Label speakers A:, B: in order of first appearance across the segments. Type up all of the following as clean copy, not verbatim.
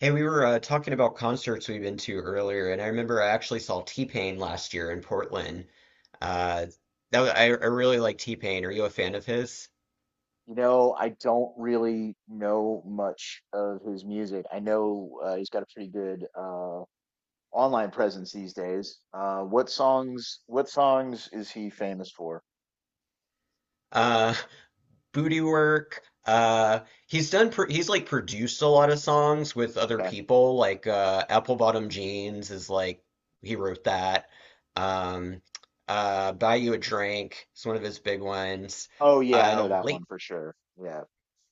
A: Hey, we were talking about concerts we've been to earlier, and I remember I actually saw T-Pain last year in Portland. Uh, that was, I really like T-Pain. Are you a fan of his?
B: You know, I don't really know much of his music. I know he's got a pretty good online presence these days. What songs is he famous for?
A: Uh, Booty Work. He's like produced a lot of songs with other
B: Okay.
A: people. Like Apple Bottom Jeans is like he wrote that. Um, Buy You a Drink is one of his big ones.
B: Oh yeah, I know that one
A: Late.
B: for sure. Yeah.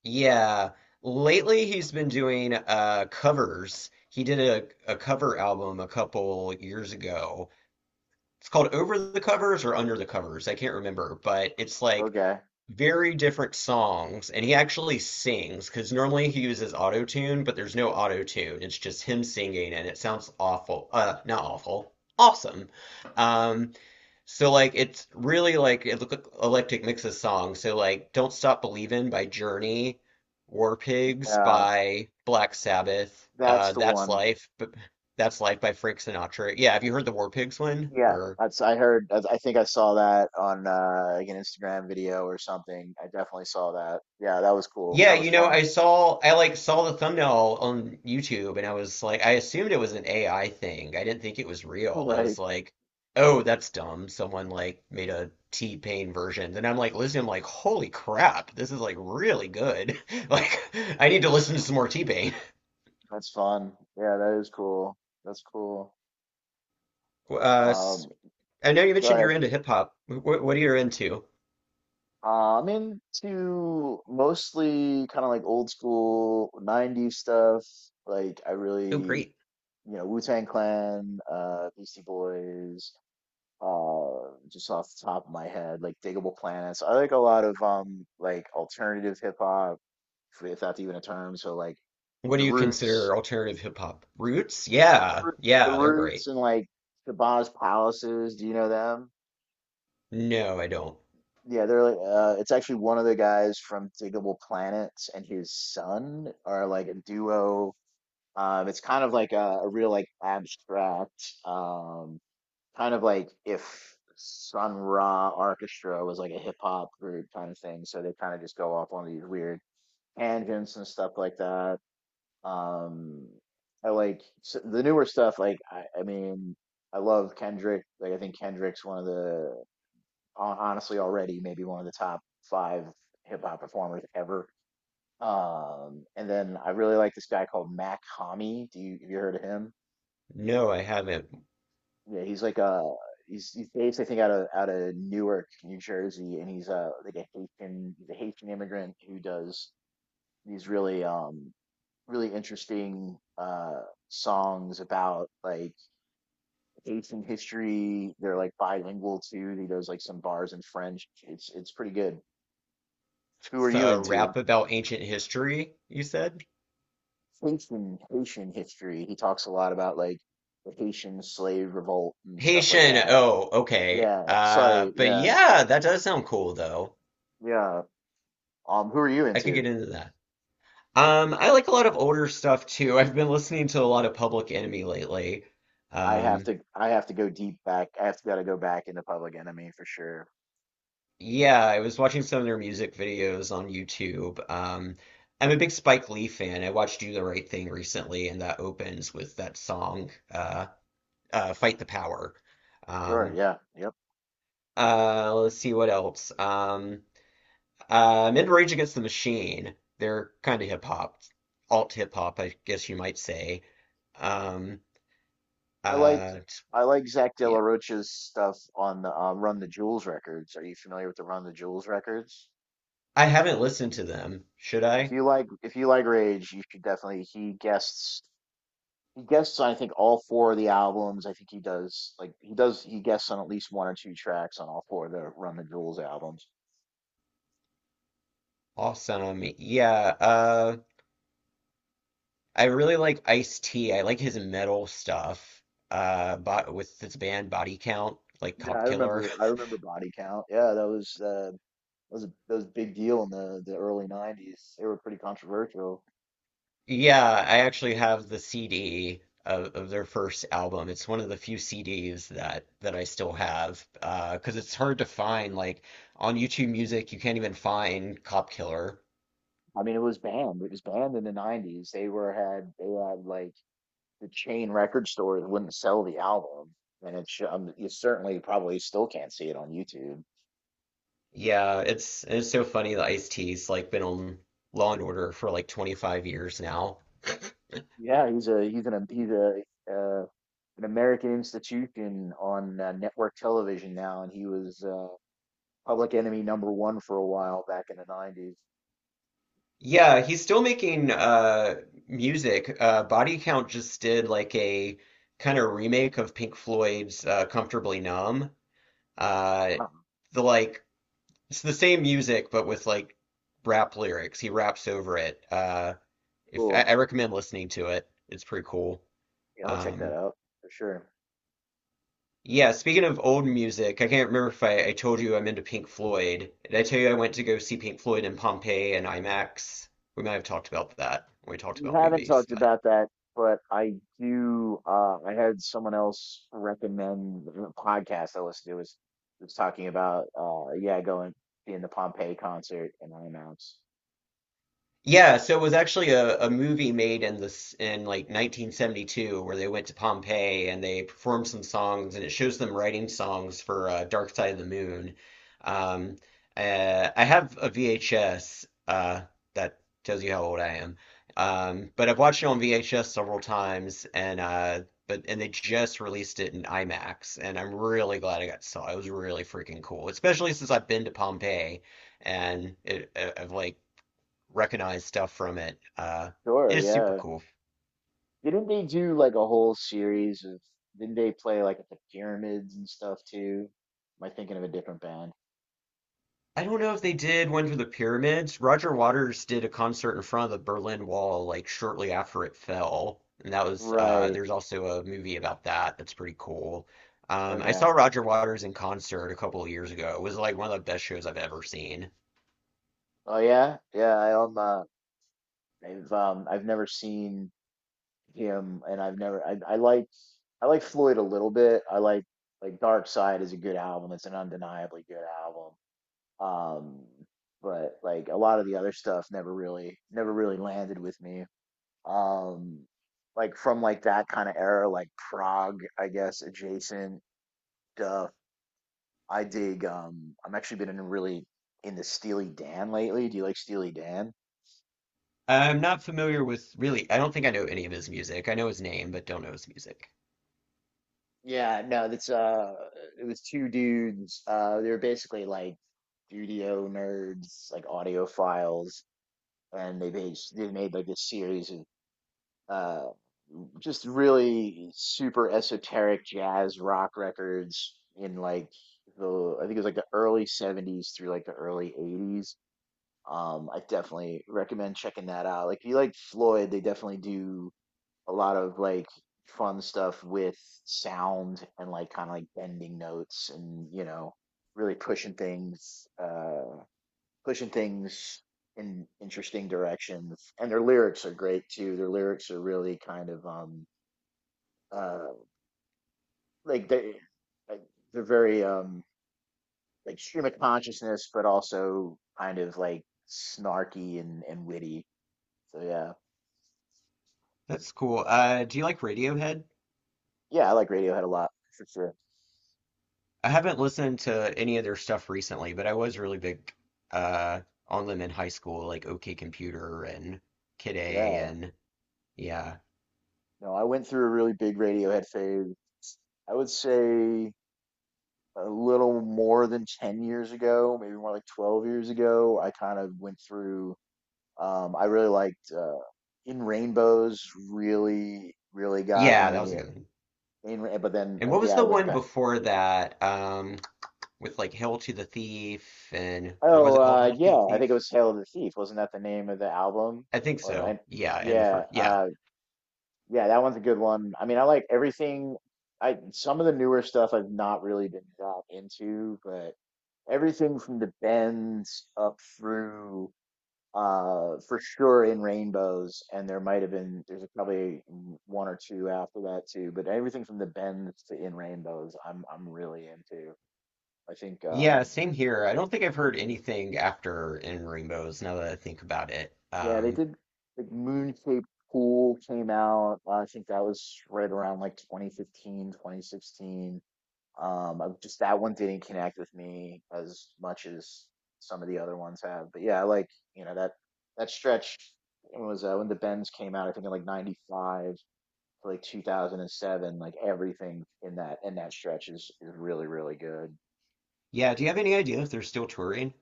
A: Yeah, lately he's been doing covers. He did a cover album a couple years ago. It's called Over the Covers or Under the Covers. I can't remember, but it's like
B: Okay.
A: very different songs, and he actually sings because normally he uses auto tune, but there's no auto tune. It's just him singing, and it sounds awful. Not awful, awesome. Um, so like it's really like it look eclectic mix of songs. So like "Don't Stop Believin'" by Journey, "War Pigs"
B: Uh,
A: by Black Sabbath,
B: that's the
A: "That's
B: one.
A: Life," but "That's Life" by Frank Sinatra. Yeah, have you heard the War Pigs one?
B: Yeah,
A: Or
B: that's I heard. I think I saw that on like an Instagram video or something. I definitely saw that. Yeah, that was cool.
A: yeah,
B: That was fun.
A: I saw I like saw the thumbnail on YouTube and I was like I assumed it was an AI thing. I didn't think it was real. I was
B: Right.
A: like, "Oh, that's dumb. Someone like made a T-Pain version." Then I'm like listening I'm like, "Holy crap. This is like really good." Like I need to listen to some more T-Pain.
B: That's fun. Yeah, that is cool. That's cool.
A: Uh s-
B: Um,
A: I know you
B: Go
A: mentioned you're
B: ahead.
A: into hip hop. What are you into?
B: I'm into mostly kind of like old school 90s stuff. Like I
A: Oh,
B: really,
A: great.
B: you know, Wu-Tang Clan, Beastie Boys, just off the top of my head, like Digable Planets. I like a lot of like alternative hip hop, if that's even a term. So like
A: What do
B: the
A: you
B: Roots,
A: consider alternative hip hop? Roots?
B: the
A: Yeah.
B: Roo- the
A: Yeah, they're
B: Roots,
A: great.
B: and like Shabazz Palaces. Do you know them?
A: No, I don't.
B: Yeah, they're like it's actually one of the guys from Diggable Planets, and his son are like a duo. It's kind of like a real like abstract kind of like if Sun Ra Orchestra was like a hip hop group kind of thing. So they kind of just go off on these weird tangents and stuff like that. Um I like s the newer stuff like I mean I love Kendrick. Like I think Kendrick's one of the honestly already maybe one of the top five hip hop performers ever. And then I really like this guy called Mac Hami. Do you have you heard of him?
A: No, I haven't.
B: Yeah, he's like a he's based I think out of Newark, New Jersey, and he's like a Haitian he's a Haitian immigrant who does these really really interesting songs about like Haitian history. They're like bilingual too. He does like some bars in French. It's pretty good. Who are you
A: So,
B: into?
A: rap about ancient history, you said?
B: Haitian history. He talks a lot about like the Haitian slave revolt and stuff like
A: Haitian.
B: that.
A: Oh, okay.
B: Yeah, sorry.
A: But
B: Yeah,
A: yeah, that does sound cool though.
B: yeah. Who are you
A: I could
B: into?
A: get into that. I like a lot of older stuff too. I've been listening to a lot of Public Enemy lately.
B: I have
A: Um,
B: to. I have to go deep back. I have to gotta go back into Public Enemy for sure.
A: yeah, I was watching some of their music videos on YouTube. I'm a big Spike Lee fan. I watched Do the Right Thing recently, and that opens with that song, Fight the Power.
B: Sure.
A: Um,
B: Yeah. Yep.
A: let's see what else. In Rage Against the Machine, they're kind of hip hop, alt hip hop, I guess you might say. Um,
B: I like.
A: uh,
B: I like Zach De La
A: yeah,
B: Rocha's stuff on the Run the Jewels records. Are you familiar with the Run the Jewels records?
A: I haven't listened to them. Should I?
B: If you like Rage, you should definitely. He guests on I think all four of the albums. I think he does he guests on at least one or two tracks on all four of the Run the Jewels albums.
A: Awesome. Yeah. Uh, I really like Ice-T. I like his metal stuff. But with this band Body Count, like
B: Yeah,
A: Cop Killer.
B: I remember Body Count. Yeah, that was a big deal in the early 90s. They were pretty controversial.
A: Yeah, I actually have the CD of their first album. It's one of the few CDs that I still have 'cause it's hard to find like on YouTube Music you can't even find Cop Killer.
B: I mean it was banned. It was banned in the 90s. They had like the chain record stores wouldn't sell the album. And it's you certainly probably still can't see it on YouTube.
A: Yeah, it's so funny that Ice-T's like been on Law and Order for like 25 years now.
B: Yeah, he's a uh, an American institution on network television now, and he was Public Enemy number one for a while back in the '90s.
A: Yeah, he's still making music. Body Count just did like a kind of remake of Pink Floyd's Comfortably Numb.
B: Oh,
A: Uh
B: wow.
A: the like It's the same music, but with like rap lyrics. He raps over it. If I, I
B: Cool.
A: recommend listening to it, it's pretty cool.
B: Yeah, I'll check that
A: Um,
B: out for sure.
A: yeah, speaking of old music, I can't remember if I told you I'm into Pink Floyd. Did I tell you I went to go see Pink Floyd in Pompeii and IMAX? We might have talked about that when we talked
B: We
A: about
B: haven't
A: movies,
B: talked
A: but
B: about that, but I do. I had someone else recommend the podcast I listened to was talking about yeah going being the Pompeii concert in IMAX.
A: yeah, so it was actually a movie made in this in like 1972 where they went to Pompeii and they performed some songs and it shows them writing songs for Dark Side of the Moon. Um, I have a VHS that tells you how old I am, but I've watched it on VHS several times and but and they just released it in IMAX and I'm really glad I got to saw it. It was really freaking cool, especially since I've been to Pompeii and it, I've like recognize stuff from it.
B: Sure,
A: It's super
B: yeah.
A: cool.
B: Didn't they do like a whole series of, didn't they play like at the pyramids and stuff too? Am I thinking of a different band?
A: I don't know if they did one for the pyramids. Roger Waters did a concert in front of the Berlin Wall like shortly after it fell, and that was
B: Right.
A: there's also a movie about that that's pretty cool. I
B: Okay.
A: saw Roger Waters in concert a couple of years ago. It was like one of the best shows I've ever seen.
B: Oh yeah. I've never seen him, and I've never I like Floyd a little bit. I like Dark Side is a good album. It's an undeniably good album. Um, but like a lot of the other stuff never really landed with me. um like from like that kind of era, like Prague I guess adjacent stuff I dig. I'm actually been in really into Steely Dan lately. Do you like Steely Dan?
A: I'm not familiar with really, I don't think I know any of his music. I know his name, but don't know his music.
B: Yeah, no that's it was two dudes. They were basically like studio nerds, like audiophiles, and they made like this series of uh just really super esoteric jazz rock records in like the, I think it was like the early 70s through like the early 80s. I definitely recommend checking that out. Like if you like Floyd, they definitely do a lot of like fun stuff with sound, and like kind of like bending notes, and you know, really pushing things, pushing things in interesting directions. And their lyrics are great too. Their lyrics are really kind of uh like they like they're very like stream of consciousness, but also kind of like snarky and witty, so yeah.
A: That's cool. Do you like Radiohead?
B: Yeah, I like Radiohead a lot, for sure.
A: I haven't listened to any of their stuff recently, but I was really big uh, on them in high school, like OK Computer and Kid A
B: Yeah,
A: and yeah.
B: no I went through a really big Radiohead phase. I would say a little more than 10 years ago, maybe more like 12 years ago. I kind of went through, I really liked, In Rainbows really really got
A: Yeah, that was a
B: me
A: good one.
B: but then
A: And
B: like
A: what was
B: yeah I
A: the
B: went
A: one
B: back.
A: before that? With like Hail to the Thief and or was
B: Oh,
A: it called Hail to the
B: yeah, I think it
A: Thief?
B: was Hail to the Thief. Wasn't that the name of the album?
A: I think
B: Or I,
A: so. Yeah, and the
B: yeah,
A: first yeah.
B: yeah, that one's a good one. I mean, I like everything. I some of the newer stuff I've not really been that into, but everything from the Bends up through, for sure In Rainbows, and there might have been there's probably one or two after that too, but everything from the Bends to In Rainbows, I'm really into. I think
A: Yeah, same here. I don't think I've heard anything after In Rainbows now that I think about it.
B: yeah, they did like Moon Cape Pool came out. I think that was right around like 2015, 2016. I just that one didn't connect with me as much as some of the other ones have. But yeah, I like, you know, that stretch when was, when the Bends came out, I think in like 95 to like 2007, like everything in that stretch is really, really good.
A: Yeah, do you have any idea if they're still touring?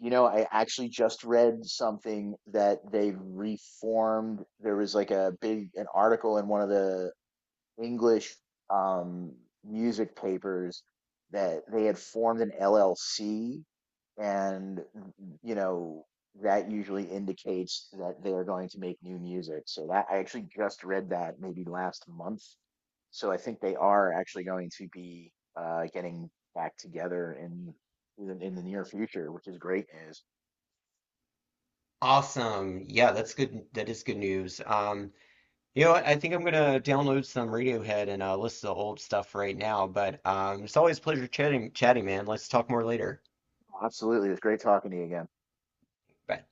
B: You know, I actually just read something that they reformed. There was like a big an article in one of the English um, music papers that they had formed an LLC, and you know that usually indicates that they are going to make new music. So that I actually just read that maybe last month. So I think they are actually going to be, getting back together in in the near future, which is great news.
A: Awesome. Yeah, that's good. That is good news. You know what? I think I'm gonna download some Radiohead and listen to old stuff right now. But it's always a pleasure chatting, man. Let's talk more later.
B: Absolutely. It's great talking to you again.
A: Bye.